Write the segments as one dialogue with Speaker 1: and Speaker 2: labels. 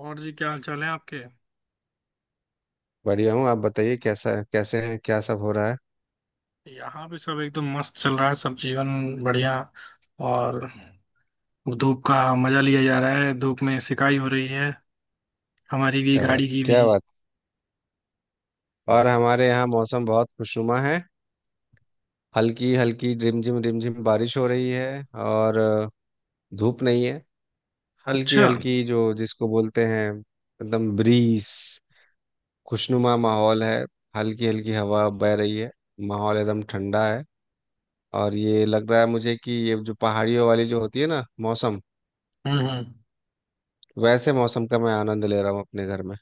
Speaker 1: और जी, क्या हाल चाल है आपके।
Speaker 2: बढ़िया हूँ। आप बताइए कैसा है, कैसे हैं, क्या सब हो रहा है?
Speaker 1: यहाँ भी सब एकदम मस्त चल रहा है, सब जीवन बढ़िया। और धूप का मजा लिया जा रहा है, धूप में सिकाई हो रही है, हमारी भी,
Speaker 2: क्या बात
Speaker 1: गाड़ी
Speaker 2: है,
Speaker 1: की भी।
Speaker 2: क्या बात है। और हमारे यहाँ मौसम बहुत खुशनुमा है। हल्की हल्की रिमझिम रिमझिम बारिश हो रही है, और धूप नहीं है। हल्की
Speaker 1: अच्छा।
Speaker 2: हल्की जो जिसको बोलते हैं, एकदम ब्रीस खुशनुमा माहौल है। हल्की हल्की हवा बह रही है। माहौल एकदम ठंडा है। और ये लग रहा है मुझे कि ये जो पहाड़ियों वाली जो होती है ना मौसम,
Speaker 1: हम्म हम्म।
Speaker 2: वैसे मौसम का मैं आनंद ले रहा हूँ अपने घर में।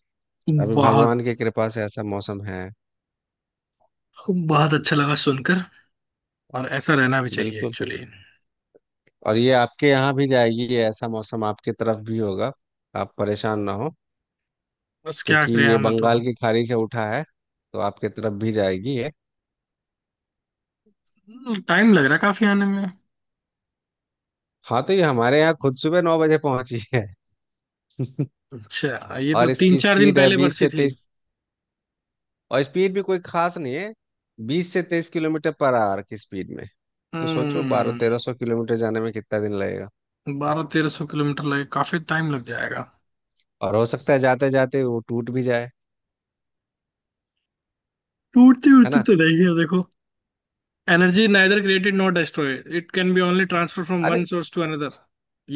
Speaker 2: अभी
Speaker 1: बहुत
Speaker 2: भगवान की कृपा से ऐसा मौसम है।
Speaker 1: बहुत अच्छा लगा सुनकर। और ऐसा रहना भी चाहिए
Speaker 2: बिल्कुल।
Speaker 1: एक्चुअली।
Speaker 2: और ये आपके यहाँ भी जाएगी, ये ऐसा मौसम आपके तरफ भी होगा। आप परेशान ना हो,
Speaker 1: बस क्या
Speaker 2: क्योंकि
Speaker 1: करें
Speaker 2: ये
Speaker 1: हमें तो।
Speaker 2: बंगाल की खाड़ी से उठा है, तो आपके तरफ भी जाएगी ये।
Speaker 1: टाइम लग रहा है काफी आने में।
Speaker 2: हाँ, तो ये हमारे यहाँ खुद सुबह 9 बजे पहुंची है।
Speaker 1: अच्छा, ये तो
Speaker 2: और
Speaker 1: तीन
Speaker 2: इसकी
Speaker 1: चार दिन
Speaker 2: स्पीड है
Speaker 1: पहले
Speaker 2: बीस
Speaker 1: बरसी
Speaker 2: से
Speaker 1: थी।
Speaker 2: तेईस और स्पीड भी कोई खास नहीं है। 20 से 23 किलोमीटर पर आवर की स्पीड में, तो सोचो बारह
Speaker 1: हम्म
Speaker 2: तेरह सौ किलोमीटर जाने में कितना दिन लगेगा।
Speaker 1: 1200-1300 किलोमीटर लगे, काफी टाइम लग जाएगा।
Speaker 2: और हो सकता है जाते जाते वो टूट भी जाए।
Speaker 1: टूटती
Speaker 2: है
Speaker 1: उड़ती
Speaker 2: ना?
Speaker 1: तो नहीं है देखो। Energy neither created not destroyed, it can be only transfer from one
Speaker 2: अरे
Speaker 1: सोर्स टू अनदर।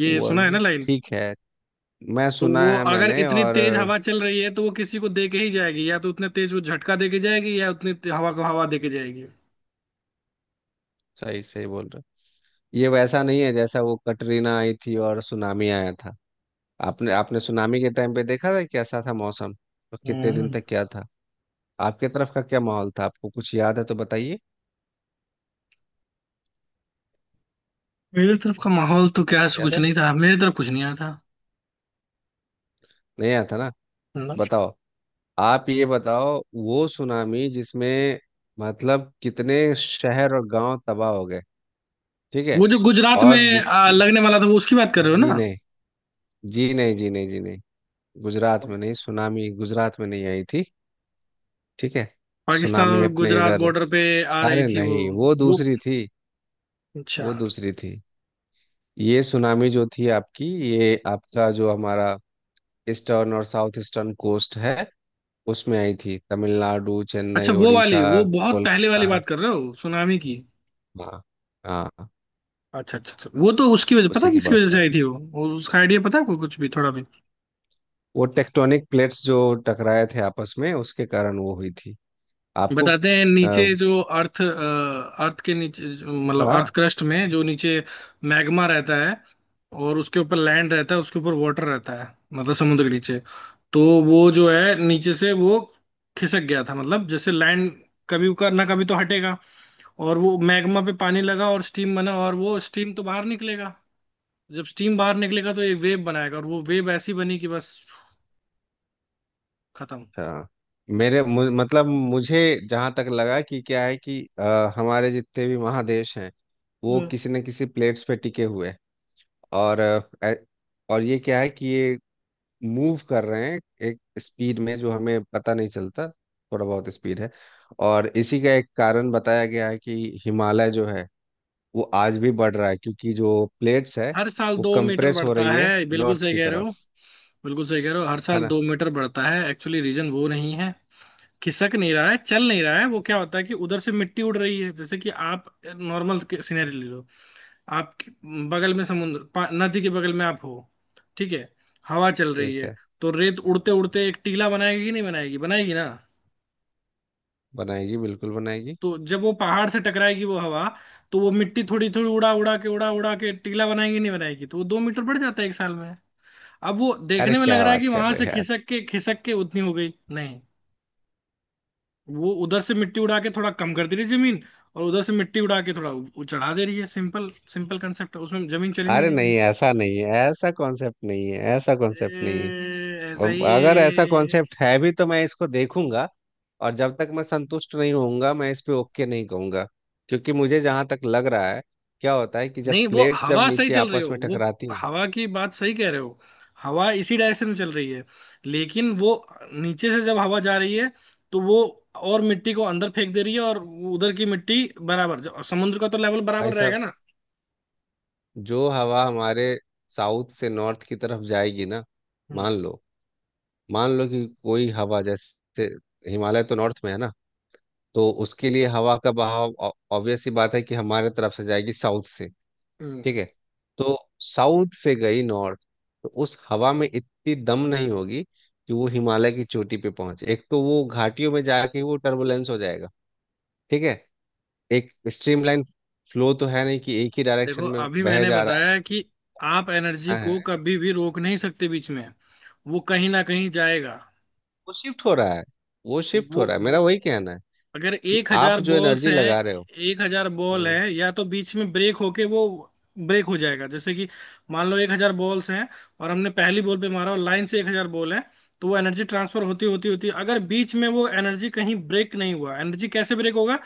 Speaker 1: ये
Speaker 2: वो
Speaker 1: सुना है ना लाइन।
Speaker 2: ठीक है, मैं
Speaker 1: तो
Speaker 2: सुना
Speaker 1: वो
Speaker 2: है
Speaker 1: अगर
Speaker 2: मैंने।
Speaker 1: इतनी
Speaker 2: और
Speaker 1: तेज हवा चल रही है, तो वो किसी को दे के ही जाएगी। या तो उतने तेज वो झटका दे के जाएगी, या उतनी हवा को हवा दे के जाएगी।
Speaker 2: सही सही बोल रहे हो। ये वैसा नहीं है जैसा वो कटरीना आई थी और सुनामी आया था। आपने आपने सुनामी के टाइम पे देखा था कैसा था मौसम, और कितने दिन
Speaker 1: हम्म
Speaker 2: तक क्या था? आपके तरफ का क्या माहौल था, आपको कुछ याद है तो बताइए।
Speaker 1: मेरी तरफ का माहौल तो क्या है,
Speaker 2: कुछ याद
Speaker 1: कुछ
Speaker 2: है?
Speaker 1: नहीं था। मेरी तरफ कुछ नहीं आया था।
Speaker 2: नहीं याद था ना।
Speaker 1: ना।
Speaker 2: बताओ। आप ये बताओ, वो सुनामी जिसमें, मतलब, कितने शहर और गांव तबाह हो गए। ठीक है।
Speaker 1: वो जो गुजरात में
Speaker 2: और जिसकी,
Speaker 1: लगने वाला था, वो उसकी बात कर रहे हो
Speaker 2: जी
Speaker 1: ना।
Speaker 2: नहीं, जी नहीं, जी नहीं, जी नहीं। गुजरात में नहीं, सुनामी गुजरात में नहीं आई थी। ठीक है।
Speaker 1: पाकिस्तान
Speaker 2: सुनामी
Speaker 1: और
Speaker 2: अपने
Speaker 1: गुजरात
Speaker 2: इधर,
Speaker 1: बॉर्डर पे आ रही
Speaker 2: अरे
Speaker 1: थी वो।
Speaker 2: नहीं वो
Speaker 1: वो
Speaker 2: दूसरी थी।
Speaker 1: अच्छा।
Speaker 2: वो दूसरी थी। ये सुनामी जो थी आपकी, ये आपका जो हमारा ईस्टर्न और साउथ ईस्टर्न कोस्ट है, उसमें आई थी। तमिलनाडु, चेन्नई,
Speaker 1: अच्छा वो वाली,
Speaker 2: उड़ीसा,
Speaker 1: वो बहुत पहले वाली
Speaker 2: कोलकाता।
Speaker 1: बात कर रहे हो सुनामी की।
Speaker 2: हाँ, हाँ,
Speaker 1: अच्छा अच्छा अच्छा, वो तो उसकी वजह पता
Speaker 2: उसी
Speaker 1: है,
Speaker 2: की
Speaker 1: किसकी
Speaker 2: बात
Speaker 1: वजह से
Speaker 2: कर।
Speaker 1: आई थी वो? वो उसका आइडिया पता है आपको कुछ भी, थोड़ा भी?
Speaker 2: वो टेक्टोनिक प्लेट्स जो टकराए थे आपस में, उसके कारण वो हुई थी। आपको।
Speaker 1: बताते हैं, नीचे
Speaker 2: अ,
Speaker 1: जो अर्थ के नीचे मतलब अर्थ
Speaker 2: हाँ।
Speaker 1: क्रस्ट में जो नीचे मैग्मा रहता है, और उसके ऊपर लैंड रहता है, उसके ऊपर वाटर रहता है, मतलब समुद्र के नीचे। तो वो जो है नीचे से, वो खिसक गया था। मतलब जैसे लैंड, कभी का ना कभी तो हटेगा। और वो मैग्मा पे पानी लगा और स्टीम बना, और वो स्टीम तो बाहर निकलेगा। जब स्टीम बाहर निकलेगा तो ये वेव बनाएगा, और वो वेव ऐसी बनी कि बस, खत्म।
Speaker 2: अच्छा, मतलब, मुझे जहाँ तक लगा कि क्या है कि हमारे जितने भी महादेश हैं, वो
Speaker 1: हम्म,
Speaker 2: किसी न किसी प्लेट्स पे टिके हुए हैं। और अ, ए- और ये क्या है कि ये मूव कर रहे हैं एक स्पीड में, जो हमें पता नहीं चलता, थोड़ा बहुत स्पीड है। और इसी का एक कारण बताया गया है कि हिमालय जो है, वो आज भी बढ़ रहा है, क्योंकि जो प्लेट्स है
Speaker 1: हर साल
Speaker 2: वो
Speaker 1: 2 मीटर
Speaker 2: कंप्रेस हो
Speaker 1: बढ़ता
Speaker 2: रही है
Speaker 1: है, बिल्कुल
Speaker 2: नॉर्थ
Speaker 1: सही
Speaker 2: की
Speaker 1: कह रहे
Speaker 2: तरफ।
Speaker 1: हो। बिल्कुल सही कह रहे हो, हर
Speaker 2: है
Speaker 1: साल
Speaker 2: ना?
Speaker 1: दो मीटर बढ़ता है, एक्चुअली रीजन वो नहीं है। खिसक नहीं रहा है, चल नहीं रहा है वो। क्या होता है कि उधर से मिट्टी उड़ रही है। जैसे कि आप नॉर्मल सिनेरियो ले लो। आप बगल में नदी के बगल में आप हो, ठीक है, हवा चल रही
Speaker 2: ठीक
Speaker 1: है।
Speaker 2: है।
Speaker 1: तो रेत उड़ते उड़ते एक टीला बनाएगी कि नहीं बनाएगी? बनाएगी ना।
Speaker 2: बनाएगी, बिल्कुल बनाएगी।
Speaker 1: तो जब वो पहाड़ से टकराएगी वो हवा, तो वो मिट्टी थोड़ी थोड़ी उड़ा उड़ा के, उड़ा उड़ा के टीला बनाएगी नहीं बनाएगी? तो वो 2 मीटर बढ़ जाता है एक साल में। अब वो
Speaker 2: अरे
Speaker 1: देखने में लग
Speaker 2: क्या
Speaker 1: रहा है कि
Speaker 2: बात कर
Speaker 1: वहां
Speaker 2: रहे
Speaker 1: से
Speaker 2: हैं यार।
Speaker 1: खिसक के उतनी हो गई, नहीं। वो उधर से मिट्टी उड़ा के थोड़ा कम कर दे रही है जमीन, और उधर से मिट्टी उड़ा के थोड़ा चढ़ा दे रही है। सिंपल सिंपल कंसेप्ट है उसमें, जमीन चली नहीं
Speaker 2: अरे
Speaker 1: रही है।
Speaker 2: नहीं, ऐसा नहीं है, ऐसा कॉन्सेप्ट नहीं है, ऐसा कॉन्सेप्ट नहीं है।
Speaker 1: ऐसा
Speaker 2: अब
Speaker 1: ही
Speaker 2: अगर ऐसा
Speaker 1: है।
Speaker 2: कॉन्सेप्ट है भी, तो मैं इसको देखूंगा, और जब तक मैं संतुष्ट नहीं होऊंगा, मैं इस पे ओके नहीं कहूंगा। क्योंकि मुझे जहां तक लग रहा है, क्या होता है कि जब
Speaker 1: नहीं, वो
Speaker 2: प्लेट्स जब
Speaker 1: हवा सही
Speaker 2: नीचे
Speaker 1: चल रही
Speaker 2: आपस
Speaker 1: हो,
Speaker 2: में
Speaker 1: वो
Speaker 2: टकराती हैं।
Speaker 1: हवा की बात सही कह रहे हो। हवा इसी डायरेक्शन में चल रही है, लेकिन वो नीचे से जब हवा जा रही है, तो वो और मिट्टी को अंदर फेंक दे रही है। और उधर की मिट्टी बराबर, जो समुद्र का तो लेवल बराबर
Speaker 2: भाई
Speaker 1: रहेगा
Speaker 2: साहब,
Speaker 1: ना।
Speaker 2: जो हवा हमारे साउथ से नॉर्थ की तरफ जाएगी ना,
Speaker 1: हम्म
Speaker 2: मान लो, मान लो कि कोई हवा, जैसे हिमालय तो नॉर्थ में है ना, तो उसके लिए हवा का बहाव ऑब्वियस सी बात है कि हमारे तरफ से जाएगी, साउथ से।
Speaker 1: हम्म।
Speaker 2: ठीक है। तो साउथ से गई नॉर्थ, तो उस हवा में इतनी दम नहीं होगी कि वो हिमालय की चोटी पे पहुंचे, एक तो वो घाटियों में जाके वो टर्बुलेंस हो जाएगा। ठीक है। एक स्ट्रीमलाइन फ्लो तो है नहीं कि एक ही
Speaker 1: देखो,
Speaker 2: डायरेक्शन में
Speaker 1: अभी
Speaker 2: बह
Speaker 1: मैंने
Speaker 2: जा
Speaker 1: बताया कि आप एनर्जी
Speaker 2: रहा
Speaker 1: को
Speaker 2: है।
Speaker 1: कभी भी रोक नहीं सकते बीच में। वो कहीं ना कहीं जाएगा।
Speaker 2: वो शिफ्ट हो रहा है, वो शिफ्ट हो
Speaker 1: वो,
Speaker 2: रहा है, मेरा
Speaker 1: वो
Speaker 2: वही कहना है
Speaker 1: अगर
Speaker 2: कि
Speaker 1: एक
Speaker 2: आप
Speaker 1: हजार
Speaker 2: जो
Speaker 1: बॉल्स
Speaker 2: एनर्जी
Speaker 1: हैं,
Speaker 2: लगा रहे हो।
Speaker 1: 1,000 बॉल
Speaker 2: हम्म
Speaker 1: है, या तो बीच में ब्रेक होके वो ब्रेक हो जाएगा। जैसे कि मान लो 1,000 बॉल्स हैं, और हमने पहली बॉल पे मारा, और लाइन से 1,000 बॉल है। तो वो एनर्जी ट्रांसफर होती होती होती, अगर बीच में वो एनर्जी कहीं ब्रेक नहीं हुआ, एनर्जी कैसे ब्रेक होगा?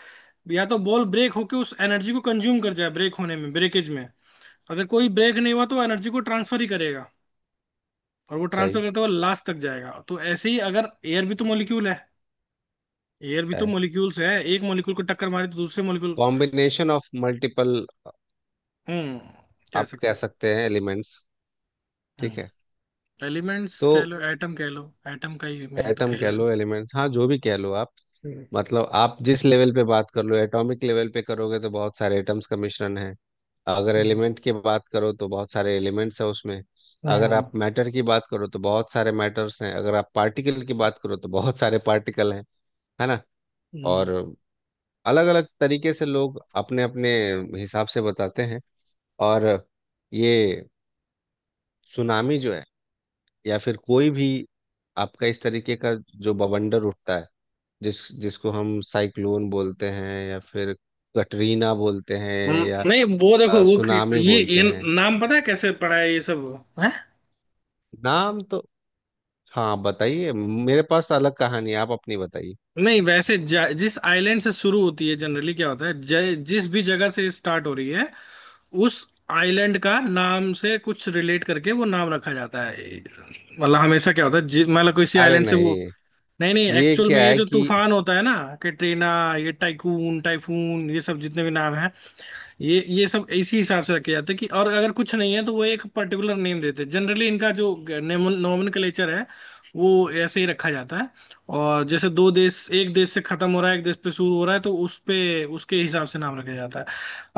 Speaker 1: या तो बॉल ब्रेक होके उस एनर्जी को कंज्यूम कर जाए ब्रेक होने में, ब्रेकेज में। अगर कोई ब्रेक नहीं हुआ तो एनर्जी को ट्रांसफर ही करेगा। और वो ट्रांसफर
Speaker 2: सही
Speaker 1: करते हुए लास्ट तक जाएगा। तो ऐसे ही, अगर एयर भी तो मोलिक्यूल है, एयर भी तो
Speaker 2: है।
Speaker 1: मोलिक्यूल्स है। एक मोलिक्यूल को टक्कर मारे तो दूसरे molecule.
Speaker 2: Combination of multiple,
Speaker 1: hmm कह
Speaker 2: आप कह
Speaker 1: सकते
Speaker 2: सकते हैं, एलिमेंट्स।
Speaker 1: हो।
Speaker 2: ठीक है।
Speaker 1: एलिमेंट्स
Speaker 2: तो
Speaker 1: कह लो, एटम कह लो, एटम का ही मेन तो
Speaker 2: एटम
Speaker 1: कह
Speaker 2: कह
Speaker 1: लो।
Speaker 2: लो, एलिमेंट, हाँ, जो भी कह लो आप।
Speaker 1: हम्म,
Speaker 2: मतलब आप जिस लेवल पे बात कर लो, एटॉमिक लेवल पे करोगे तो बहुत सारे एटम्स का मिश्रण है। अगर एलिमेंट की बात करो तो बहुत सारे एलिमेंट्स है उसमें। अगर
Speaker 1: हम्म,
Speaker 2: आप मैटर की बात करो तो बहुत सारे मैटर्स हैं। अगर आप पार्टिकल की बात करो तो बहुत सारे पार्टिकल हैं। है ना?
Speaker 1: हम्म,
Speaker 2: और अलग अलग तरीके से लोग अपने अपने हिसाब से बताते हैं। और ये सुनामी जो है, या फिर कोई भी आपका इस तरीके का जो बवंडर उठता है, जिसको हम साइक्लोन बोलते हैं, या फिर कटरीना बोलते हैं,
Speaker 1: हम्म,
Speaker 2: या
Speaker 1: नहीं वो देखो वो
Speaker 2: सुनामी बोलते
Speaker 1: ये
Speaker 2: हैं।
Speaker 1: नाम पता है कैसे पढ़ा है ये सब है।
Speaker 2: नाम तो, हाँ बताइए, मेरे पास तो अलग कहानी है, आप अपनी बताइए।
Speaker 1: नहीं, वैसे जिस आइलैंड से शुरू होती है, जनरली क्या होता है, जिस भी जगह से स्टार्ट हो रही है, उस आइलैंड का नाम से कुछ रिलेट करके वो नाम रखा जाता है। मतलब हमेशा क्या होता है, मतलब किसी
Speaker 2: अरे
Speaker 1: आइलैंड से वो,
Speaker 2: नहीं,
Speaker 1: नहीं नहीं,
Speaker 2: ये
Speaker 1: एक्चुअल में
Speaker 2: क्या
Speaker 1: ये
Speaker 2: है
Speaker 1: जो
Speaker 2: कि,
Speaker 1: तूफान होता है ना, कैटरीना, ये टाइकून, टाइफून, ये सब जितने भी नाम, ये सब इसी हिसाब से रखे जाते हैं। कि और अगर कुछ नहीं है, तो वो एक पर्टिकुलर नेम देते हैं। जनरली इनका जो नोमेनक्लेचर है, वो ऐसे ही रखा जाता है। और जैसे दो देश, एक देश से खत्म हो रहा है, एक देश पे शुरू हो रहा है, तो उस पे उसके हिसाब से नाम रखा जाता है।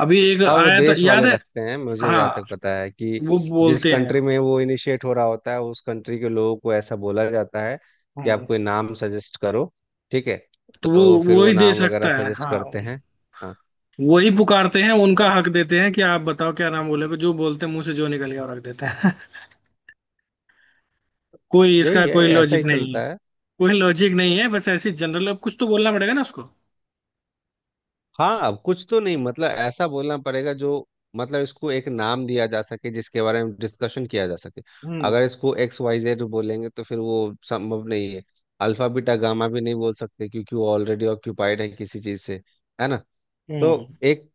Speaker 1: अभी एक
Speaker 2: हाँ, वो
Speaker 1: आया था
Speaker 2: देश
Speaker 1: याद
Speaker 2: वाले
Speaker 1: है।
Speaker 2: रखते हैं, मुझे
Speaker 1: हाँ,
Speaker 2: जहाँ तक पता है कि
Speaker 1: वो
Speaker 2: जिस
Speaker 1: बोलते हैं।
Speaker 2: कंट्री में वो इनिशिएट हो रहा होता है, उस कंट्री के लोगों को ऐसा बोला जाता है कि
Speaker 1: हम्म,
Speaker 2: आप कोई नाम सजेस्ट करो। ठीक है।
Speaker 1: तो वो
Speaker 2: तो फिर
Speaker 1: वो
Speaker 2: वो
Speaker 1: ही
Speaker 2: नाम
Speaker 1: देश
Speaker 2: वगैरह
Speaker 1: रखता है
Speaker 2: सजेस्ट
Speaker 1: हाँ।
Speaker 2: करते हैं। हाँ।
Speaker 1: वही पुकारते हैं, उनका
Speaker 2: तो
Speaker 1: हक देते हैं कि आप बताओ क्या नाम बोले, जो बोलते हैं, मुंह से जो निकल गया वो रख देते हैं। कोई इसका
Speaker 2: यही है,
Speaker 1: कोई
Speaker 2: ऐसा
Speaker 1: लॉजिक
Speaker 2: ही
Speaker 1: नहीं
Speaker 2: चलता
Speaker 1: है।
Speaker 2: है।
Speaker 1: कोई लॉजिक नहीं है, बस ऐसे जनरल, अब कुछ तो बोलना पड़ेगा ना उसको।
Speaker 2: हाँ, कुछ तो, नहीं, मतलब ऐसा बोलना पड़ेगा जो, मतलब इसको एक नाम दिया जा सके, जिसके बारे में डिस्कशन किया जा सके।
Speaker 1: हम्म
Speaker 2: अगर इसको एक्स वाई जेड बोलेंगे तो फिर वो संभव नहीं है। अल्फा बीटा गामा भी नहीं बोल सकते क्योंकि वो ऑलरेडी ऑक्यूपाइड है किसी चीज से। है ना? तो
Speaker 1: हम्म
Speaker 2: एक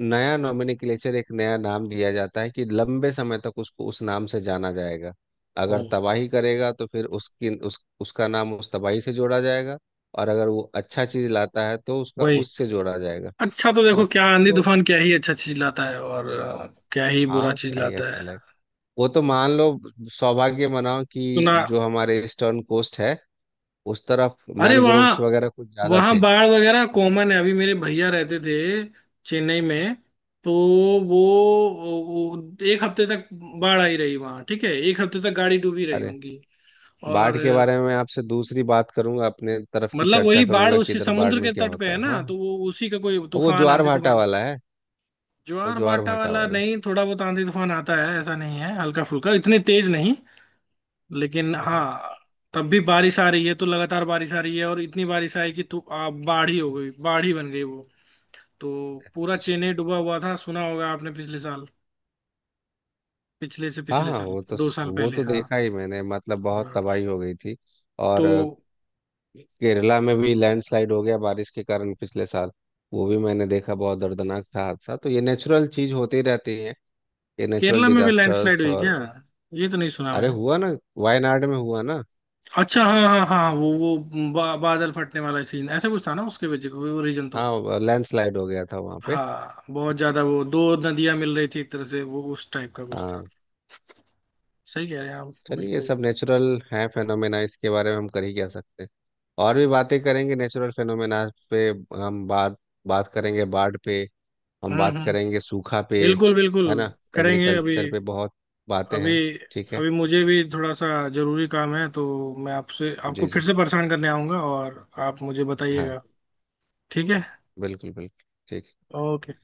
Speaker 2: नया नोमेनक्लेचर, एक नया नाम दिया जाता है, कि लंबे समय तक उसको उस नाम से जाना जाएगा। अगर
Speaker 1: हम्म,
Speaker 2: तबाही करेगा तो फिर उसकी उस उसका नाम उस तबाही से जोड़ा जाएगा। और अगर वो अच्छा चीज लाता है, तो उसका
Speaker 1: वही।
Speaker 2: उससे जोड़ा जाएगा।
Speaker 1: अच्छा, तो
Speaker 2: है ना?
Speaker 1: देखो क्या आंधी
Speaker 2: तो
Speaker 1: तूफान क्या ही अच्छा चीज लाता है, और क्या ही बुरा
Speaker 2: हाँ,
Speaker 1: चीज
Speaker 2: क्या ही
Speaker 1: लाता
Speaker 2: अच्छा
Speaker 1: है।
Speaker 2: लगे। वो तो मान लो सौभाग्य मनाओ कि
Speaker 1: सुना,
Speaker 2: जो हमारे ईस्टर्न कोस्ट है, उस तरफ
Speaker 1: अरे वहाँ,
Speaker 2: मैनग्रोव्स वगैरह कुछ ज्यादा
Speaker 1: वहाँ
Speaker 2: थे।
Speaker 1: बाढ़ वगैरह कॉमन है। अभी मेरे भैया रहते थे चेन्नई में, तो वो एक हफ्ते तक बाढ़ आई रही वहाँ। ठीक है, एक हफ्ते तक गाड़ी डूबी रही
Speaker 2: अरे,
Speaker 1: उनकी। और
Speaker 2: बाढ़ के बारे में मैं आपसे दूसरी बात करूंगा, अपने तरफ की
Speaker 1: मतलब
Speaker 2: चर्चा
Speaker 1: वही बाढ़
Speaker 2: करूंगा कि
Speaker 1: उसी
Speaker 2: इधर बाढ़
Speaker 1: समुद्र
Speaker 2: में
Speaker 1: के
Speaker 2: क्या
Speaker 1: तट पे
Speaker 2: होता
Speaker 1: है
Speaker 2: है,
Speaker 1: ना,
Speaker 2: हाँ।
Speaker 1: तो वो उसी का, कोई
Speaker 2: और वो
Speaker 1: तूफान,
Speaker 2: ज्वार
Speaker 1: आंधी
Speaker 2: भाटा
Speaker 1: तूफान,
Speaker 2: वाला है, वो
Speaker 1: ज्वार
Speaker 2: ज्वार
Speaker 1: बाटा
Speaker 2: भाटा
Speaker 1: वाला
Speaker 2: वाला।
Speaker 1: नहीं। थोड़ा बहुत आंधी तूफान आता है, ऐसा नहीं है, हल्का फुल्का, इतनी तेज नहीं। लेकिन
Speaker 2: हाँ, हाँ।
Speaker 1: हाँ, तब भी बारिश आ रही है, तो लगातार बारिश आ रही है, और इतनी बारिश आई कि बाढ़ ही हो गई, बाढ़ ही बन गई वो। तो पूरा चेन्नई
Speaker 2: अच्छा,
Speaker 1: डूबा हुआ था, सुना होगा आपने पिछले साल, पिछले से
Speaker 2: हाँ,
Speaker 1: पिछले
Speaker 2: हाँ,
Speaker 1: साल, दो साल
Speaker 2: वो
Speaker 1: पहले
Speaker 2: तो
Speaker 1: हाँ।
Speaker 2: देखा ही मैंने, मतलब बहुत
Speaker 1: हाँ।
Speaker 2: तबाही हो गई थी। और
Speaker 1: तो
Speaker 2: केरला में भी लैंडस्लाइड हो गया बारिश के कारण, पिछले साल वो भी मैंने देखा, बहुत दर्दनाक था हादसा। तो ये नेचुरल चीज होती रहती है, ये नेचुरल
Speaker 1: केरला में भी लैंडस्लाइड
Speaker 2: डिजास्टर्स।
Speaker 1: हुई क्या?
Speaker 2: और
Speaker 1: ये तो नहीं सुना
Speaker 2: अरे
Speaker 1: मैंने।
Speaker 2: हुआ ना, वायनाड में हुआ ना।
Speaker 1: अच्छा हाँ हाँ हाँ, वो बादल फटने वाला सीन, ऐसा कुछ था ना, उसके वजह वो रीजन तो।
Speaker 2: हाँ, लैंडस्लाइड हो गया था वहाँ पे।
Speaker 1: हाँ, बहुत ज्यादा, वो दो नदियां मिल रही थी एक तरह से, वो उस टाइप का कुछ था।
Speaker 2: हाँ।
Speaker 1: सही कह रहे हैं आप
Speaker 2: चलिए, ये
Speaker 1: बिल्कुल।
Speaker 2: सब नेचुरल है, फेनोमेना, इसके बारे में हम कर ही क्या सकते हैं। और भी बातें करेंगे नेचुरल फेनोमेना पे। हम बात बात करेंगे बाढ़ पे। हम
Speaker 1: हम्म
Speaker 2: बात
Speaker 1: हम्म
Speaker 2: करेंगे सूखा पे।
Speaker 1: बिल्कुल बिल्कुल।
Speaker 2: है ना,
Speaker 1: करेंगे अभी।
Speaker 2: एग्रीकल्चर पे बहुत बातें
Speaker 1: अभी
Speaker 2: हैं। ठीक है।
Speaker 1: अभी मुझे भी थोड़ा सा जरूरी काम है। तो मैं आपसे, आपको
Speaker 2: जी,
Speaker 1: फिर
Speaker 2: जी,
Speaker 1: से परेशान करने आऊंगा, और आप मुझे
Speaker 2: हाँ,
Speaker 1: बताइएगा। ठीक है।
Speaker 2: बिल्कुल, बिल्कुल, ठीक।
Speaker 1: ओके।